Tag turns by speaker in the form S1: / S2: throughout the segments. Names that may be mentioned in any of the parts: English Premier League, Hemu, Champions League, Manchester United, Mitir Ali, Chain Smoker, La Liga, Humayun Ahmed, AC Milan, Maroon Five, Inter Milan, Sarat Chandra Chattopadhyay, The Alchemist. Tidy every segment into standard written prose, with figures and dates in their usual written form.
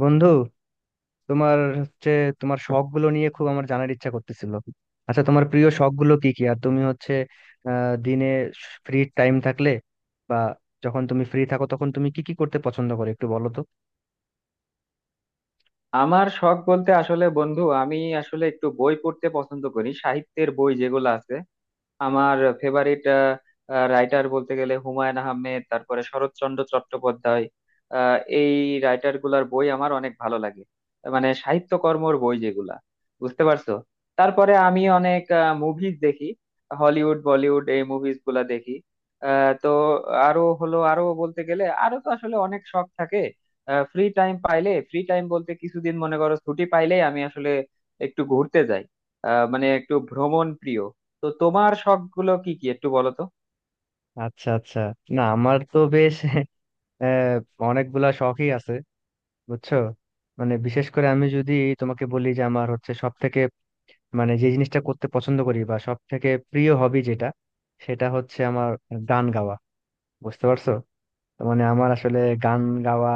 S1: বন্ধু, তোমার হচ্ছে তোমার শখ গুলো নিয়ে খুব আমার জানার ইচ্ছা করতেছিল। আচ্ছা, তোমার প্রিয় শখ গুলো কি কি? আর তুমি হচ্ছে দিনে ফ্রি টাইম থাকলে বা যখন তুমি ফ্রি থাকো তখন তুমি কি কি করতে পছন্দ করো একটু বলো তো।
S2: আমার শখ বলতে আসলে বন্ধু আমি আসলে একটু বই পড়তে পছন্দ করি, সাহিত্যের বই যেগুলো আছে। আমার ফেভারিট রাইটার বলতে গেলে হুমায়ুন আহমেদ, তারপরে শরৎচন্দ্র চট্টোপাধ্যায়। এই রাইটার গুলার বই আমার অনেক ভালো লাগে, মানে সাহিত্যকর্মর বই যেগুলা, বুঝতে পারছো। তারপরে আমি অনেক মুভিজ দেখি, হলিউড বলিউড এই মুভিজ গুলা দেখি। তো আরো হলো, আরো বলতে গেলে তো আসলে অনেক শখ থাকে। ফ্রি টাইম পাইলে, ফ্রি টাইম বলতে কিছুদিন মনে করো ছুটি পাইলেই আমি আসলে একটু ঘুরতে যাই। মানে একটু ভ্রমণ প্রিয়। তো তোমার শখ গুলো কি কি একটু বলো তো।
S1: আচ্ছা, আচ্ছা। না, আমার তো বেশ আহ অনেকগুলা শখই আছে, বুঝছো। মানে বিশেষ করে আমি যদি তোমাকে বলি যে আমার হচ্ছে সব থেকে মানে যে জিনিসটা করতে পছন্দ করি বা সব থেকে প্রিয় হবি যেটা, সেটা হচ্ছে আমার গান গাওয়া। বুঝতে পারছো? মানে আমার আসলে গান গাওয়া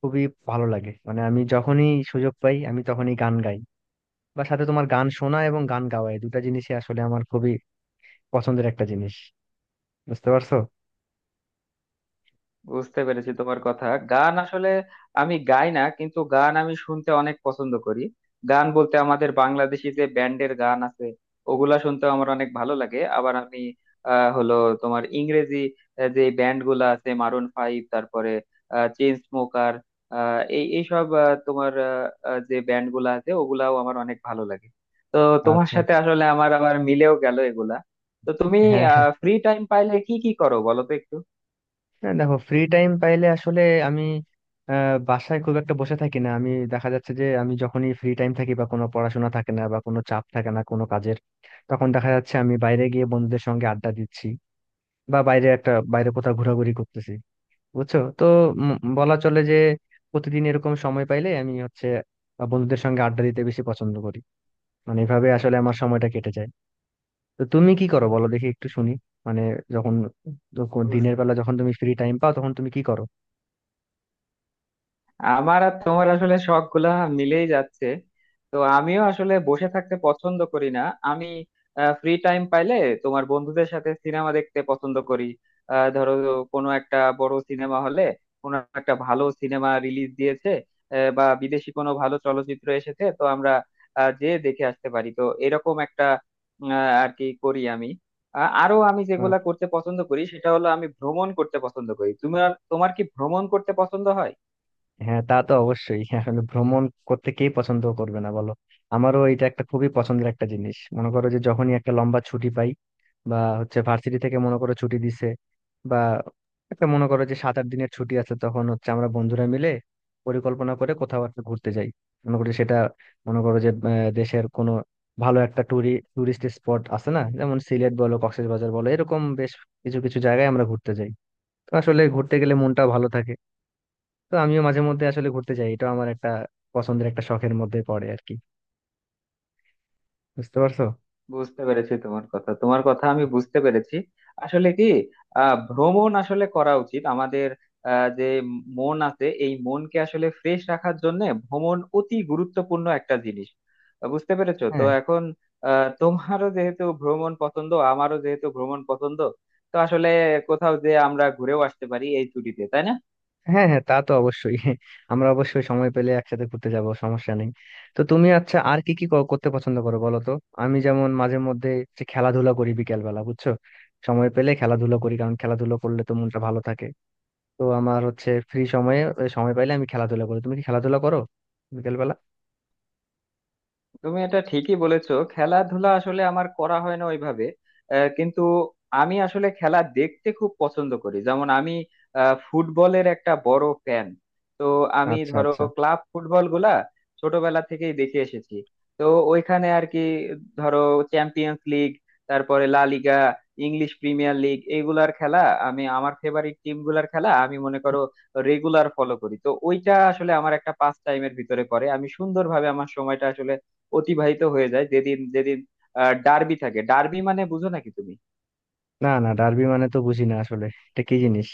S1: খুবই ভালো লাগে, মানে আমি যখনই সুযোগ পাই আমি তখনই গান গাই। বা সাথে তোমার গান শোনা এবং গান গাওয়া এই দুটা জিনিসই আসলে আমার খুবই পছন্দের একটা জিনিস। বুঝতে পারছো?
S2: বুঝতে পেরেছি তোমার কথা। গান আসলে আমি গাই না, কিন্তু গান আমি শুনতে অনেক পছন্দ করি। গান বলতে আমাদের বাংলাদেশি যে ব্যান্ডের গান আছে, ওগুলা শুনতে আমার অনেক ভালো লাগে। আবার আমি আহ, হলো তোমার ইংরেজি যে ব্যান্ড গুলা আছে, মারুন ফাইভ, তারপরে চেইন স্মোকার, এই এইসব আহ, তোমার আহ, আহ, যে ব্যান্ড গুলা আছে, ওগুলাও আমার অনেক ভালো লাগে। তো তোমার
S1: আচ্ছা,
S2: সাথে
S1: আচ্ছা।
S2: আসলে আমার আবার মিলেও গেল এগুলা। তো তুমি
S1: হ্যাঁ, হ্যাঁ।
S2: ফ্রি টাইম পাইলে কি কি করো বলো তো একটু।
S1: না, দেখো, ফ্রি টাইম পাইলে আসলে আমি বাসায় খুব একটা বসে থাকি না। আমি দেখা যাচ্ছে যে আমি যখনই ফ্রি টাইম থাকি বা কোনো পড়াশোনা থাকে না বা কোনো চাপ থাকে না কোনো কাজের, তখন দেখা যাচ্ছে আমি বাইরে গিয়ে বন্ধুদের সঙ্গে আড্ডা দিচ্ছি বা বাইরে কোথাও ঘোরাঘুরি করতেছি। বুঝছো তো। উম বলা চলে যে প্রতিদিন এরকম সময় পাইলে আমি হচ্ছে বন্ধুদের সঙ্গে আড্ডা দিতে বেশি পছন্দ করি। মানে এভাবে আসলে আমার সময়টা কেটে যায়। তো তুমি কি করো বলো দেখি একটু শুনি। মানে যখন যখন দিনের বেলা যখন তুমি ফ্রি টাইম পাও তখন তুমি কি করো?
S2: আমার আর তোমার আসলে শখ গুলা মিলেই যাচ্ছে। তো আমিও আসলে বসে থাকতে পছন্দ করি না। আমি ফ্রি টাইম পাইলে তোমার বন্ধুদের সাথে সিনেমা দেখতে পছন্দ করি। ধরো কোনো একটা বড় সিনেমা হলে, কোনো একটা ভালো সিনেমা রিলিজ দিয়েছে, বা বিদেশি কোনো ভালো চলচ্চিত্র এসেছে, তো আমরা যেয়ে দেখে আসতে পারি, তো এরকম একটা। আর কি করি আমি, আরো আমি যেগুলা করতে পছন্দ করি সেটা হলো আমি ভ্রমণ করতে পছন্দ করি। তোমার তোমার কি ভ্রমণ করতে পছন্দ হয়?
S1: হ্যাঁ, তা তো অবশ্যই। হ্যাঁ, আসলে ভ্রমণ করতে কে পছন্দ করবে না বলো। আমারও এটা একটা খুবই পছন্দের একটা জিনিস। মনে করো যে যখনই একটা লম্বা ছুটি পাই বা হচ্ছে ভার্সিটি থেকে মনে করো ছুটি দিছে বা একটা মনে করো যে 7-8 দিনের ছুটি আছে, তখন হচ্ছে আমরা বন্ধুরা মিলে পরিকল্পনা করে কোথাও একটা ঘুরতে যাই। মনে করি সেটা, মনে করো যে দেশের কোনো ভালো একটা টুরিস্ট স্পট আছে না, যেমন সিলেট বলো, কক্সবাজার বলো, এরকম বেশ কিছু কিছু জায়গায় আমরা ঘুরতে যাই। তো আসলে ঘুরতে গেলে মনটা ভালো থাকে। তো আমিও মাঝে মধ্যে আসলে ঘুরতে যাই, এটা আমার একটা পছন্দের একটা শখের মধ্যে পড়ে আর কি। বুঝতে পারছো?
S2: বুঝতে পেরেছি তোমার কথা, আমি বুঝতে পেরেছি। আসলে কি, ভ্রমণ আসলে করা উচিত আমাদের। যে মন আছে, এই মনকে আসলে ফ্রেশ রাখার জন্য ভ্রমণ অতি গুরুত্বপূর্ণ একটা জিনিস। বুঝতে পেরেছো তো
S1: হ্যাঁ,
S2: এখন। তোমারও যেহেতু ভ্রমণ পছন্দ, আমারও যেহেতু ভ্রমণ পছন্দ, তো আসলে কোথাও যে আমরা ঘুরেও আসতে পারি এই ছুটিতে, তাই না?
S1: হ্যাঁ। হ্যাঁ, তা তো অবশ্যই। আমরা অবশ্যই সময় পেলে একসাথে ঘুরতে যাব, সমস্যা নেই। তো তুমি, আচ্ছা, আর কি কি করতে পছন্দ করো বলো তো। আমি যেমন মাঝে মধ্যে যে খেলাধুলা করি বিকেল বেলা, বুঝছো, সময় পেলে খেলাধুলা করি, কারণ খেলাধুলা করলে তো মনটা ভালো থাকে। তো আমার হচ্ছে ফ্রি সময়ে সময় পাইলে আমি খেলাধুলা করি। তুমি কি খেলাধুলা করো বিকেল বেলা?
S2: তুমি এটা ঠিকই বলেছো, খেলাধুলা আসলে আমার করা হয় না ওইভাবে, কিন্তু আমি আসলে খেলা দেখতে খুব পছন্দ করি। যেমন আমি ফুটবলের একটা বড় ফ্যান। তো আমি
S1: আচ্ছা,
S2: ধরো
S1: আচ্ছা।
S2: ক্লাব ফুটবল গুলা ছোটবেলা থেকেই দেখে এসেছি। তো ওইখানে আর কি, ধরো চ্যাম্পিয়ন্স লিগ, তারপরে La Liga, English Premier League, এগুলার খেলা আমি, আমার ফেভারিট টিম গুলার খেলা আমি মনে করো রেগুলার ফলো করি। তো ওইটা আসলে আমার একটা পাস টাইমের ভিতরে পড়ে। আমি সুন্দরভাবে আমার সময়টা আসলে অতিবাহিত হয়ে যায়। যেদিন যেদিন ডার্বি থাকে, ডার্বি মানে বুঝো নাকি তুমি?
S1: না, না, ডার্বি মানে তো বুঝি না আসলে, এটা কি জিনিস?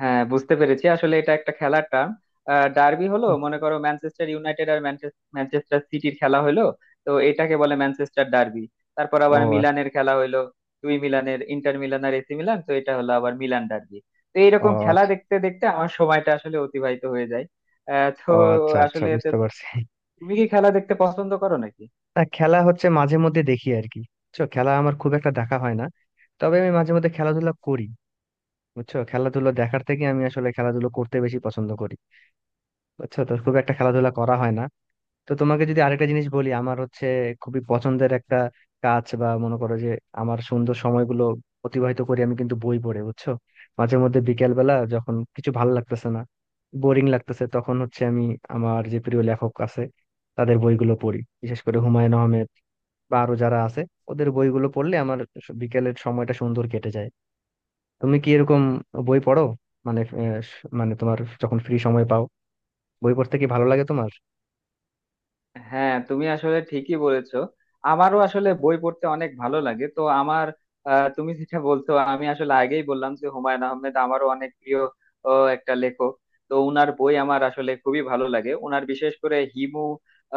S2: হ্যাঁ বুঝতে পেরেছি, আসলে এটা একটা খেলার টার্ম। ডার্বি হলো মনে করো ম্যানচেস্টার ইউনাইটেড আর ম্যানচেস্টার সিটির খেলা হলো, তো এটাকে বলে ম্যানচেস্টার ডার্বি। তারপর
S1: ও।
S2: আবার
S1: আ-
S2: মিলানের খেলা হলো, দুই মিলানের, ইন্টার মিলান আর এসি মিলান, তো এটা হলো আবার মিলান ডার্বি। তো এইরকম
S1: ও।
S2: খেলা দেখতে দেখতে আমার সময়টা আসলে অতিবাহিত হয়ে যায়। আহ তো
S1: ও, আচ্ছা, আচ্ছা,
S2: আসলে তো
S1: বুঝতে পারছি।
S2: তুমি কি খেলা দেখতে পছন্দ করো নাকি?
S1: না, খেলা হচ্ছে মাঝে মধ্যে দেখি আর কি, বুঝছো। খেলা আমার খুব একটা দেখা হয় না, তবে আমি মাঝে মধ্যে খেলাধুলা করি, বুঝছো। খেলাধুলো দেখার থেকে আমি আসলে খেলাধুলো করতে বেশি পছন্দ করি। বুঝছো তো, খুব একটা খেলাধুলা করা হয় না। তো তোমাকে যদি আরেকটা জিনিস বলি, আমার হচ্ছে খুবই পছন্দের একটা কাজ বা মনে করো যে আমার সুন্দর সময়গুলো অতিবাহিত করি আমি কিন্তু বই পড়ে, বুঝছো। মাঝে মধ্যে বিকেল বেলা যখন কিছু ভালো লাগতেছে না, বোরিং লাগতেছে, তখন হচ্ছে আমি আমার যে প্রিয় লেখক আছে তাদের বইগুলো পড়ি, বিশেষ করে হুমায়ুন আহমেদ বা আরো যারা আছে ওদের বইগুলো পড়লে আমার বিকেলের সময়টা সুন্দর কেটে যায়। তুমি কি এরকম বই পড়ো? মানে মানে তোমার যখন ফ্রি সময় পাও বই পড়তে কি ভালো লাগে তোমার?
S2: হ্যাঁ তুমি আসলে ঠিকই বলেছো, আমারও আসলে বই পড়তে অনেক ভালো লাগে। তো আমার, তুমি যেটা বলছো, আমি আসলে আগেই বললাম যে হুমায়ুন আহমেদ আমারও অনেক প্রিয় ও, একটা লেখক। তো উনার বই আমার আসলে খুবই ভালো লাগে, উনার বিশেষ করে হিমু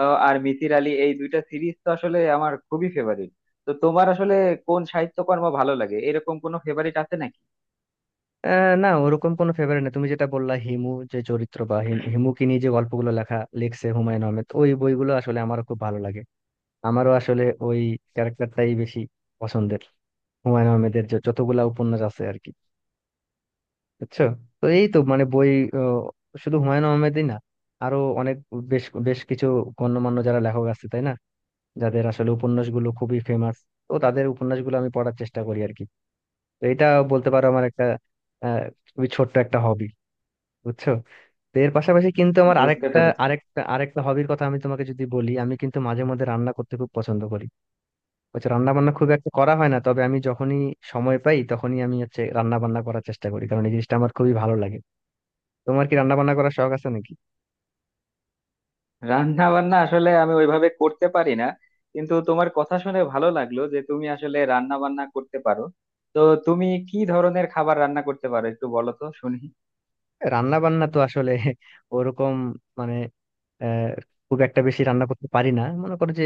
S2: আর মিতির আলী, এই দুইটা সিরিজ তো আসলে আমার খুবই ফেভারিট। তো তোমার আসলে কোন সাহিত্যকর্ম ভালো লাগে, এরকম কোনো ফেভারিট আছে নাকি?
S1: না, ওরকম কোনো ফেভারিট না। তুমি যেটা বললা হিমু যে চরিত্র বা হিমুকে নিয়ে যে গল্পগুলো লেখা লিখছে হুমায়ুন আহমেদ, ওই বইগুলো আসলে আমারও খুব ভালো লাগে। আমারও আসলে ওই ক্যারেক্টারটাই বেশি পছন্দের, হুমায়ুন আহমেদের যে যতগুলা উপন্যাস আছে আর কি, বুঝছো। তো এই তো, মানে বই আহ, শুধু হুমায়ুন আহমেদই না, আরো অনেক বেশ বেশ কিছু গণ্যমান্য যারা লেখক আছে তাই না, যাদের আসলে উপন্যাসগুলো খুবই ফেমাস, তো তাদের উপন্যাসগুলো আমি পড়ার চেষ্টা করি আর কি। তো এটা বলতে পারো আমার একটা আহ খুবই ছোট্ট একটা হবি, বুঝছো। তো এর পাশাপাশি কিন্তু আমার
S2: বুঝতে
S1: আরেকটা
S2: পেরেছি।
S1: আরেকটা আরেকটা হবির কথা আমি তোমাকে যদি বলি, আমি কিন্তু মাঝে মধ্যে রান্না করতে খুব পছন্দ করি। হচ্ছে রান্না বান্না খুব একটা করা হয় না, তবে আমি যখনই সময় পাই তখনই আমি হচ্ছে রান্না বান্না করার চেষ্টা করি, কারণ এই জিনিসটা আমার খুবই ভালো লাগে। তোমার কি রান্না বান্না করার শখ আছে নাকি?
S2: রান্না বান্না আসলে আমি ওইভাবে করতে পারি না, কিন্তু তোমার কথা শুনে ভালো লাগলো যে তুমি আসলে রান্না বান্না করতে পারো। তো তুমি কি ধরনের খাবার রান্না করতে পারো একটু বলো তো, শুনি।
S1: রান্না বান্না তো আসলে ওরকম মানে আহ খুব একটা বেশি রান্না করতে পারি না। মনে করো যে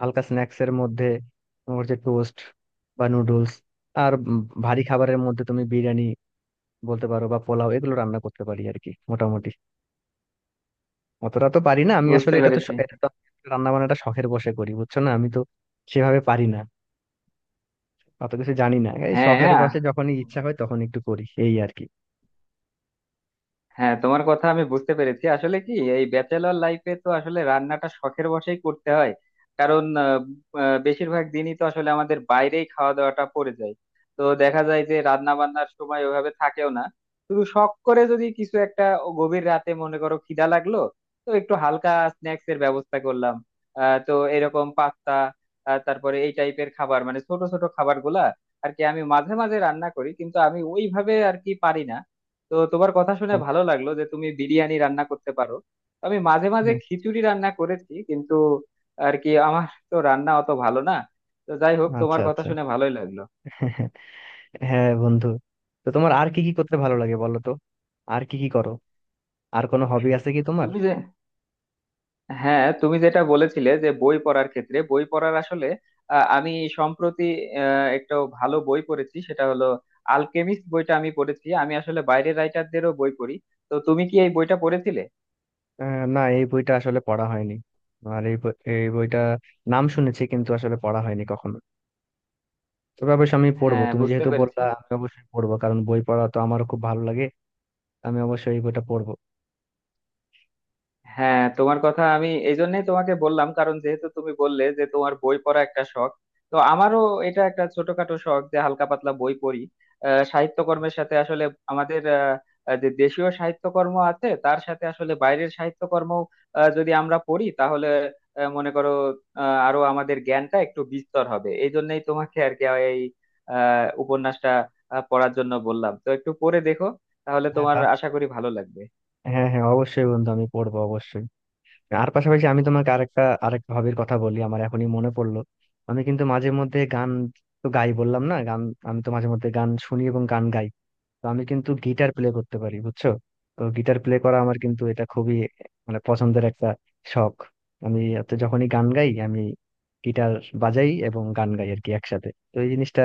S1: হালকা স্ন্যাক্স এর মধ্যে তোমার যে টোস্ট বা নুডলস, আর ভারী খাবারের মধ্যে তুমি বিরিয়ানি বলতে পারো বা পোলাও, এগুলো রান্না করতে পারি আর কি মোটামুটি। অতটা তো পারি না আমি
S2: বুঝতে
S1: আসলে,
S2: পেরেছি।
S1: এটা তো রান্না বান্নাটা শখের বসে করি, বুঝছো, না আমি তো সেভাবে পারি না, অত কিছু জানি না। এই শখের
S2: হ্যাঁ
S1: বসে যখনই ইচ্ছা হয় তখন একটু করি, এই আর কি।
S2: হ্যাঁ, তোমার কথা আমি বুঝতে পেরেছি। আসলে কি, এই ব্যাচেলর লাইফে তো আসলে রান্নাটা শখের বশেই করতে হয়। কারণ আহ, আহ, বেশিরভাগ দিনই তো আসলে আমাদের বাইরেই খাওয়া দাওয়াটা পড়ে যায়। তো দেখা যায় যে রান্না বান্নার সময় ওইভাবে থাকেও না। শুধু শখ করে যদি কিছু একটা, ও গভীর রাতে মনে করো খিদা লাগলো, তো একটু হালকা স্ন্যাক্স এর ব্যবস্থা করলাম। তো এরকম পাস্তা, তারপরে এই টাইপের খাবার, মানে ছোট ছোট খাবার গুলা আর কি আমি মাঝে মাঝে রান্না করি, কিন্তু আমি ওইভাবে আর কি পারি না। তো তোমার কথা শুনে ভালো লাগলো যে তুমি বিরিয়ানি রান্না করতে পারো। আমি মাঝে মাঝে
S1: হ্যাঁ।
S2: খিচুড়ি রান্না করেছি কিন্তু আর কি আমার তো রান্না অত ভালো না। তো যাই হোক,
S1: আচ্ছা,
S2: তোমার কথা
S1: আচ্ছা।
S2: শুনে ভালোই লাগলো।
S1: হ্যাঁ, বন্ধু, তো তোমার আর কি কি করতে ভালো লাগে বলো তো? আর কি কি করো? আর কোনো হবি আছে কি তোমার?
S2: তুমি যে, হ্যাঁ তুমি যেটা বলেছিলে যে বই পড়ার ক্ষেত্রে, বই পড়ার আসলে আহ, আমি সম্প্রতি একটা ভালো বই পড়েছি, সেটা হলো আলকেমিস্ট বইটা আমি পড়েছি। আমি আসলে বাইরের রাইটারদেরও বই পড়ি। তো তুমি কি এই বইটা পড়েছিলে?
S1: না, এই বইটা আসলে পড়া হয়নি। আর এই বইটা নাম শুনেছি, কিন্তু আসলে পড়া হয়নি কখনো। তবে অবশ্যই আমি পড়বো,
S2: হ্যাঁ
S1: তুমি
S2: বুঝতে
S1: যেহেতু
S2: পেরেছি।
S1: বললা আমি অবশ্যই পড়বো, কারণ বই পড়া তো আমারও খুব ভালো লাগে। আমি অবশ্যই এই বইটা পড়বো।
S2: হ্যাঁ তোমার কথা, আমি এই জন্যই তোমাকে বললাম, কারণ যেহেতু তুমি বললে যে তোমার বই পড়া একটা শখ, তো আমারও এটা একটা ছোটখাটো শখ যে হালকা পাতলা বই পড়ি। সাহিত্যকর্মের সাথে আসলে আমাদের আহ, আহ, যে দেশীয় সাহিত্যকর্ম আছে, তার সাথে আসলে বাইরের সাহিত্যকর্ম যদি আমরা পড়ি, তাহলে মনে করো আরো আমাদের জ্ঞানটা একটু বিস্তর হবে, এই জন্যই তোমাকে আর কি এই উপন্যাসটা পড়ার জন্য বললাম। তো একটু পড়ে দেখো, তাহলে
S1: হ্যাঁ,
S2: তোমার
S1: তা,
S2: আশা করি ভালো লাগবে।
S1: হ্যাঁ, হ্যাঁ, অবশ্যই বন্ধু, আমি পড়বো অবশ্যই। আর পাশাপাশি আমি তোমাকে আরেকটা আরেকটা হবির কথা বলি, আমার এখনই মনে পড়লো। আমি কিন্তু মাঝে মধ্যে গান, তো গাই বললাম না, গান আমি তো মাঝে মধ্যে গান শুনি এবং গান গাই, তো আমি কিন্তু গিটার প্লে করতে পারি, বুঝছো। তো গিটার প্লে করা আমার কিন্তু এটা খুবই মানে পছন্দের একটা শখ। আমি হচ্ছে যখনই গান গাই আমি গিটার বাজাই এবং গান গাই আর কি একসাথে, তো এই জিনিসটা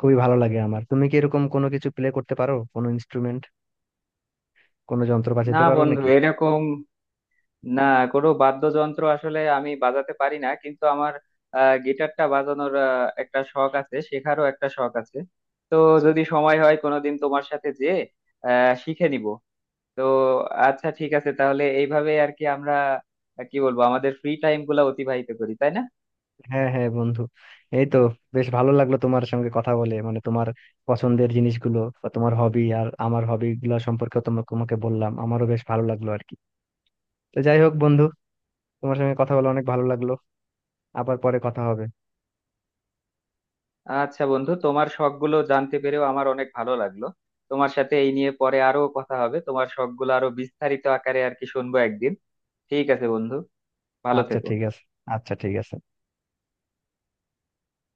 S1: খুবই ভালো লাগে আমার। তুমি কি এরকম কোনো কিছু প্লে করতে পারো, কোনো ইনস্ট্রুমেন্ট, কোনো যন্ত্র বাজাতে
S2: না
S1: পারো
S2: বন্ধু,
S1: নাকি?
S2: এরকম না, কোনো বাদ্যযন্ত্র আসলে আমি বাজাতে পারি না, কিন্তু আমার গিটারটা বাজানোর একটা শখ আছে, শেখারও একটা শখ আছে। তো যদি সময় হয় কোনোদিন তোমার সাথে যেয়ে শিখে নিব। তো আচ্ছা ঠিক আছে, তাহলে এইভাবে আর কি আমরা কি বলবো আমাদের ফ্রি টাইম গুলা অতিবাহিত করি, তাই না?
S1: হ্যাঁ, হ্যাঁ, বন্ধু, এই তো। বেশ ভালো লাগলো তোমার সঙ্গে কথা বলে, মানে তোমার পছন্দের জিনিসগুলো বা তোমার হবি আর আমার হবি গুলো সম্পর্কে তোমাকে তোমাকে বললাম, আমারও বেশ ভালো লাগলো আর কি। তো যাই হোক বন্ধু, তোমার সঙ্গে কথা বলে অনেক ভালো লাগলো। আবার পরে কথা হবে।
S2: আচ্ছা বন্ধু, তোমার শখ গুলো জানতে পেরেও আমার অনেক ভালো লাগলো। তোমার সাথে এই নিয়ে পরে আরো কথা হবে, তোমার শখ গুলো আরো বিস্তারিত আকারে আর কি শুনবো একদিন। ঠিক আছে বন্ধু, ভালো
S1: আচ্ছা,
S2: থেকো।
S1: ঠিক আছে। আচ্ছা, ঠিক আছে।